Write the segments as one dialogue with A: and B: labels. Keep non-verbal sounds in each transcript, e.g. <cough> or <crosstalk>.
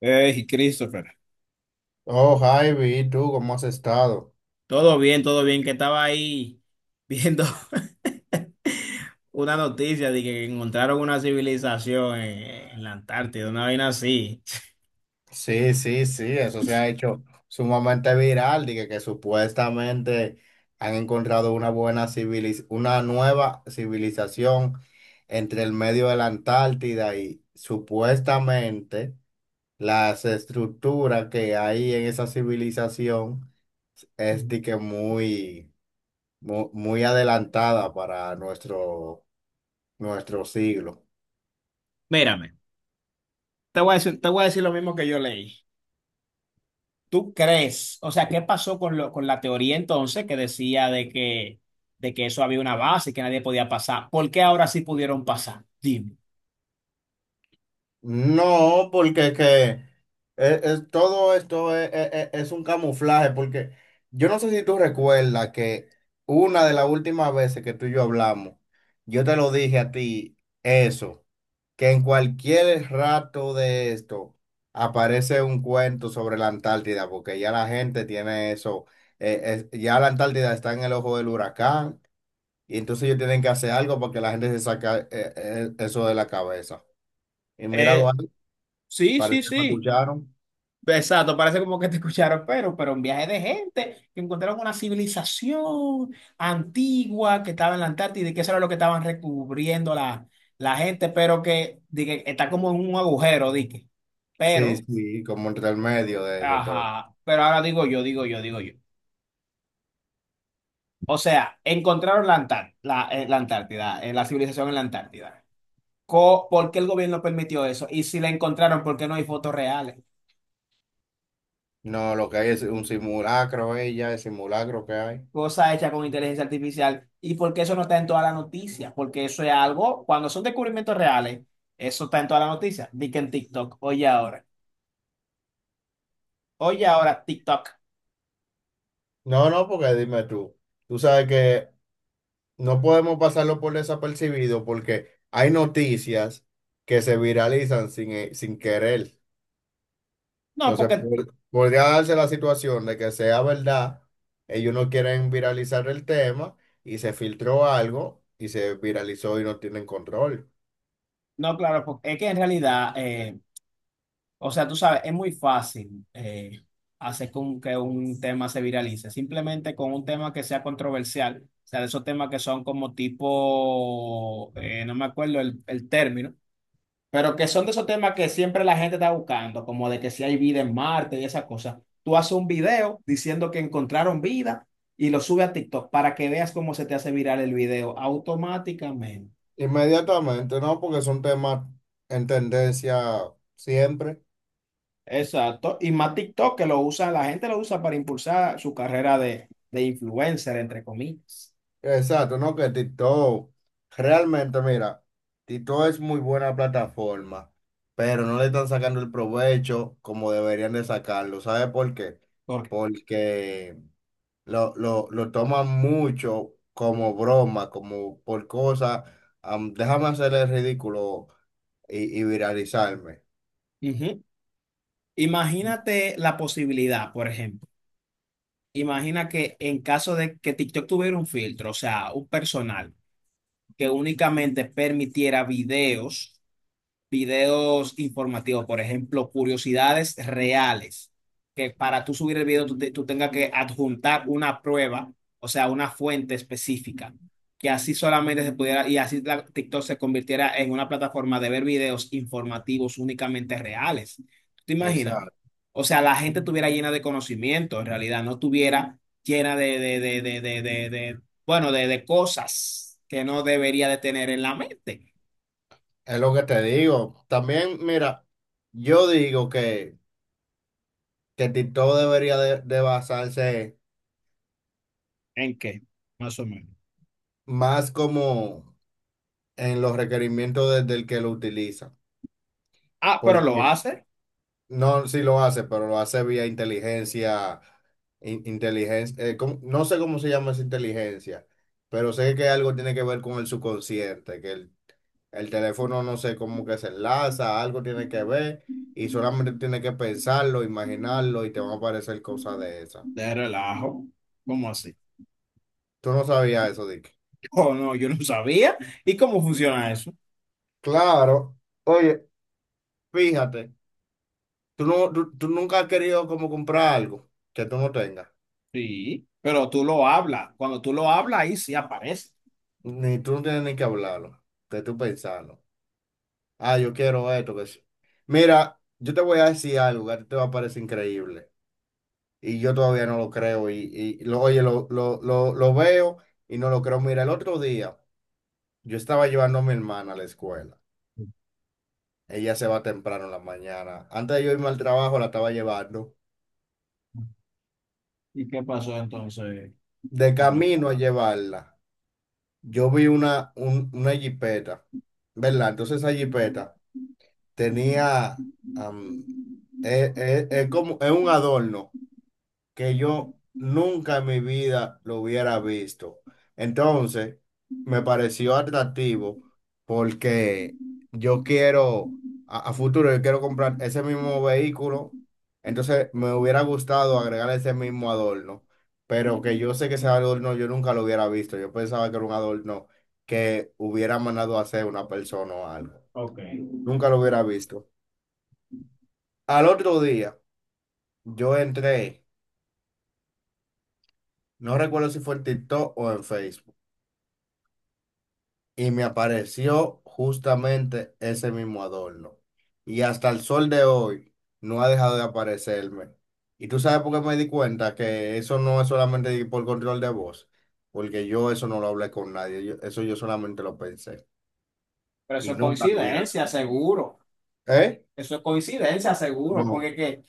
A: Hey, Christopher.
B: Oh, Javi, ¿tú cómo has estado?
A: Todo bien, que estaba ahí viendo <laughs> una noticia de que encontraron una civilización en la Antártida, una vaina así.
B: Sí, sí, sí, eso se ha hecho sumamente viral, dije que supuestamente han encontrado una nueva civilización entre el medio de la Antártida, y supuestamente las estructuras que hay en esa civilización es de que muy adelantada para nuestro siglo.
A: Mírame, te voy a decir lo mismo que yo leí. ¿Tú crees? O sea, ¿qué pasó con la teoría entonces que decía de que eso había una base y que nadie podía pasar? ¿Por qué ahora sí pudieron pasar? Dime.
B: No, porque es que todo esto es un camuflaje, porque yo no sé si tú recuerdas que una de las últimas veces que tú y yo hablamos, yo te lo dije a ti, eso, que en cualquier rato de esto aparece un cuento sobre la Antártida, porque ya la gente tiene eso, eh, ya la Antártida está en el ojo del huracán, y entonces ellos tienen que hacer algo para que la gente se saque eso de la cabeza. Y míralo
A: Eh,
B: ahí.
A: sí, sí,
B: Parece que me
A: sí.
B: escucharon.
A: Exacto, parece como que te escucharon, pero un viaje de gente que encontraron una civilización antigua que estaba en la Antártida y que eso era lo que estaban recubriendo la gente, di que está como en un agujero, dije.
B: Sí,
A: Pero,
B: sí, como entre el medio de todo.
A: ajá, pero ahora digo yo. O sea, encontraron la Antártida, la civilización en la Antártida. ¿Por qué el gobierno permitió eso? Y si la encontraron, ¿por qué no hay fotos reales?
B: No, lo que hay es un simulacro, ella, el simulacro que hay.
A: Cosa hecha con inteligencia artificial, y ¿por qué eso no está en todas las noticias? Porque eso es algo, cuando son descubrimientos reales, eso está en todas las noticias. Di que en TikTok, oye ahora TikTok.
B: No, no, porque dime tú, tú sabes que no podemos pasarlo por desapercibido porque hay noticias que se viralizan sin querer.
A: No,
B: Entonces,
A: porque,
B: podría darse la situación de que sea verdad, ellos no quieren viralizar el tema y se filtró algo y se viralizó y no tienen control.
A: no, claro, porque es que en realidad, o sea, tú sabes, es muy fácil hacer con que un tema se viralice, simplemente con un tema que sea controversial. O sea, de esos temas que son como tipo, no me acuerdo el término. Pero que son de esos temas que siempre la gente está buscando, como de que si hay vida en Marte y esas cosas. Tú haces un video diciendo que encontraron vida y lo subes a TikTok para que veas cómo se te hace viral el video automáticamente.
B: Inmediatamente, ¿no? Porque son temas en tendencia siempre.
A: Exacto. Y más TikTok que lo usa, la gente lo usa para impulsar su carrera de influencer, entre comillas.
B: Exacto, ¿no? Que TikTok, realmente, mira, TikTok es muy buena plataforma, pero no le están sacando el provecho como deberían de sacarlo. ¿Sabe por qué?
A: Porque,
B: Porque lo toman mucho como broma, como por cosas, déjame hacer el ridículo y viralizarme.
A: ujú. Imagínate la posibilidad, por ejemplo. Imagina que en caso de que TikTok tuviera un filtro, o sea, un personal. Que únicamente permitiera videos informativos, por ejemplo, curiosidades reales, que para tú subir el video tú tengas que adjuntar una prueba, o sea, una fuente específica, que así solamente se pudiera, y así TikTok se convirtiera en una plataforma de ver videos informativos únicamente reales. ¿Tú te imaginas?
B: Exacto.
A: O sea, la gente estuviera llena de conocimiento, en realidad, no estuviera llena bueno, de cosas que no debería de tener en la mente.
B: Es lo que te digo. También, mira, yo digo que TikTok debería de basarse
A: ¿En qué? Más o menos.
B: más como en los requerimientos del que lo utiliza.
A: Ah, pero lo
B: Porque
A: hace
B: no, si lo hace, pero lo hace vía inteligencia, inteligencia, ¿cómo? No sé cómo se llama esa inteligencia, pero sé que algo tiene que ver con el subconsciente, que el teléfono no sé cómo que se enlaza, algo tiene que ver, y solamente tiene que pensarlo, imaginarlo, y te van a aparecer cosas de esas.
A: de relajo. ¿Cómo así? <laughs>
B: Tú no sabías eso, Dick.
A: Oh, no, yo no sabía. ¿Y cómo funciona eso?
B: Claro. Oye, fíjate, tú, no, tú nunca has querido como comprar algo que tú no tengas.
A: Sí, pero tú lo hablas. Cuando tú lo hablas, ahí sí aparece.
B: Ni tú no tienes ni que hablarlo, que tú pensarlo. Ah, yo quiero esto, que sí. Mira, yo te voy a decir algo que a ti te va a parecer increíble. Y yo todavía no lo creo. Y lo, oye, lo veo y no lo creo. Mira, el otro día yo estaba llevando a mi hermana a la escuela. Ella se va temprano en la mañana. Antes de yo irme al trabajo, la estaba llevando.
A: ¿Y qué pasó entonces?
B: De
A: Otra-
B: camino a llevarla. Yo vi una jipeta, ¿verdad? Entonces esa jipeta tenía, am, es como, es un adorno que yo nunca en mi vida lo hubiera visto. Entonces, me pareció atractivo porque yo quiero, a futuro, yo quiero comprar ese mismo vehículo. Entonces, me hubiera gustado agregar ese mismo adorno, pero que yo sé que ese adorno yo nunca lo hubiera visto. Yo pensaba que era un adorno que hubiera mandado a hacer una persona o algo.
A: Ok.
B: Nunca lo hubiera visto. Al otro día, yo entré, no recuerdo si fue en TikTok o en Facebook, y me apareció justamente ese mismo adorno. Y hasta el sol de hoy no ha dejado de aparecerme. Y tú sabes por qué me di cuenta que eso no es solamente por control de voz, porque yo eso no lo hablé con nadie, eso yo solamente lo pensé
A: Pero eso
B: y
A: es
B: nunca lo hubiera.
A: coincidencia, seguro.
B: ¿Eh?
A: Eso es coincidencia, seguro.
B: No,
A: Porque que,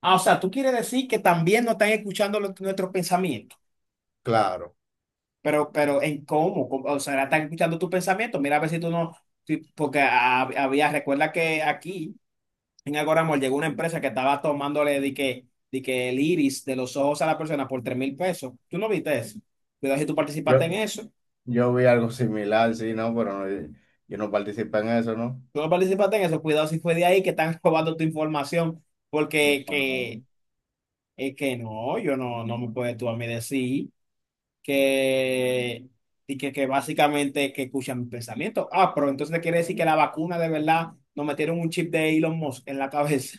A: ah, O sea, tú quieres decir que también no están escuchando nuestros pensamientos.
B: claro.
A: ¿En cómo? ¿Cómo? O sea, están escuchando tus pensamientos. Mira a ver si tú no. Porque había, recuerda que aquí. En Agora Mall llegó una empresa que estaba tomándole de que el iris de los ojos a la persona por 3,000 pesos. ¿Tú no viste eso? Cuidado si tú
B: Yo,
A: participaste en eso.
B: yo vi algo similar, sí, no, pero no, yo no participé en eso, ¿no?
A: Tú no participaste en eso. Cuidado si fue de ahí que están <laughs> robando tu información. Porque
B: No, no.
A: que, es que no, yo no, no me puedes tú a mí decir que, que básicamente que escuchan mis pensamientos. Ah, pero entonces quiere decir que la vacuna de verdad nos metieron un chip de Elon Musk en la cabeza.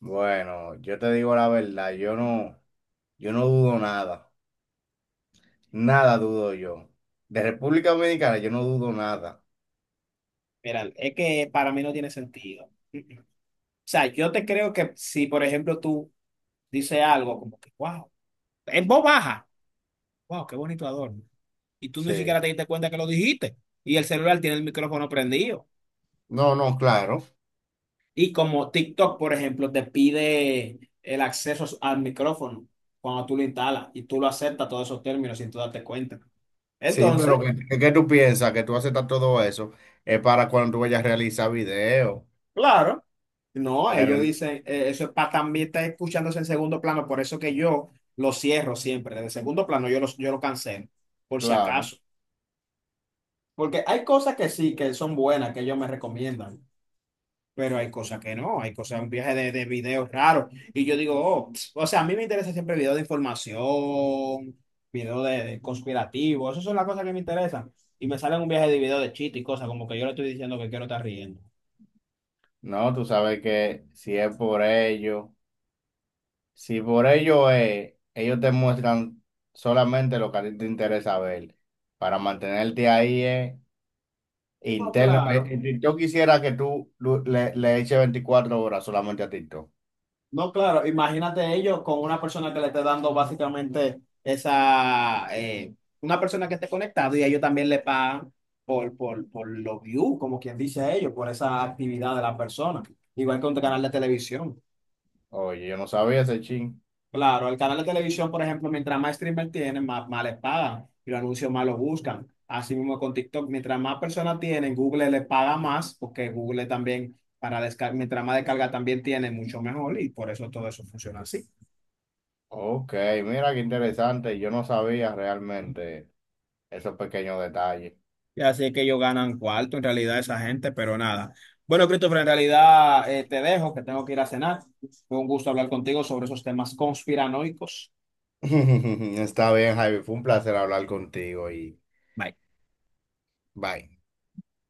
B: Bueno, yo te digo la verdad, yo no dudo nada. Nada dudo yo. De República Dominicana yo no dudo nada.
A: Mira, es que para mí no tiene sentido. Mm, mm. O sea, yo te creo que si, por ejemplo, tú dices algo como que, wow, en voz baja, wow, qué bonito adorno. Y tú ni siquiera
B: Sí.
A: te diste cuenta que lo dijiste. Y el celular tiene el micrófono prendido.
B: No, no, claro.
A: Y como TikTok, por ejemplo, te pide el acceso al micrófono cuando tú lo instalas y tú lo aceptas todos esos términos sin tú darte cuenta.
B: Sí, pero
A: Entonces,
B: claro, tú piensas que tú aceptas todo eso es para cuando tú vayas a realizar video.
A: claro, no,
B: Pero
A: ellos dicen, eso es para también estar escuchándose en segundo plano, por eso que yo lo cierro siempre, desde segundo plano yo lo cancelo, por si
B: claro,
A: acaso. Porque hay cosas que sí, que son buenas, que ellos me recomiendan, pero hay cosas que no, hay cosas, un viaje de videos raros. Y yo digo, oh, o sea, a mí me interesa siempre videos de información, videos de conspirativos, esas son las cosas que me interesan. Y me salen un viaje de videos de chiste y cosas, como que yo le estoy diciendo que quiero estar riendo.
B: no, tú sabes que si es por ello, si por ello es, ellos te muestran solamente lo que a ti te interesa ver. Para mantenerte ahí es
A: No,
B: interno.
A: claro.
B: Yo quisiera que tú le eches 24 horas solamente a TikTok.
A: No, claro, imagínate ellos con una persona que le esté dando básicamente esa, una persona que esté conectado y ellos también le pagan por los views, como quien dice ellos, por esa actividad de la persona. Igual que un canal de televisión.
B: Oye, yo no sabía ese chin.
A: Claro, el canal de televisión, por ejemplo, mientras más streamer tienen, más les pagan y los anuncios más los buscan. Así mismo con TikTok, mientras más personas tienen, Google les paga más porque Google también, para descargar, mientras más descarga también tiene, mucho mejor y por eso todo eso funciona así.
B: Ok, mira qué interesante. Yo no sabía realmente esos pequeños detalles.
A: Así es que ellos ganan cuarto en realidad esa gente, pero nada. Bueno, Christopher, en realidad te dejo, que tengo que ir a cenar. Fue un gusto hablar contigo sobre esos temas conspiranoicos.
B: <laughs> Está bien, Javi. Fue un placer hablar contigo y
A: Bye.
B: bye.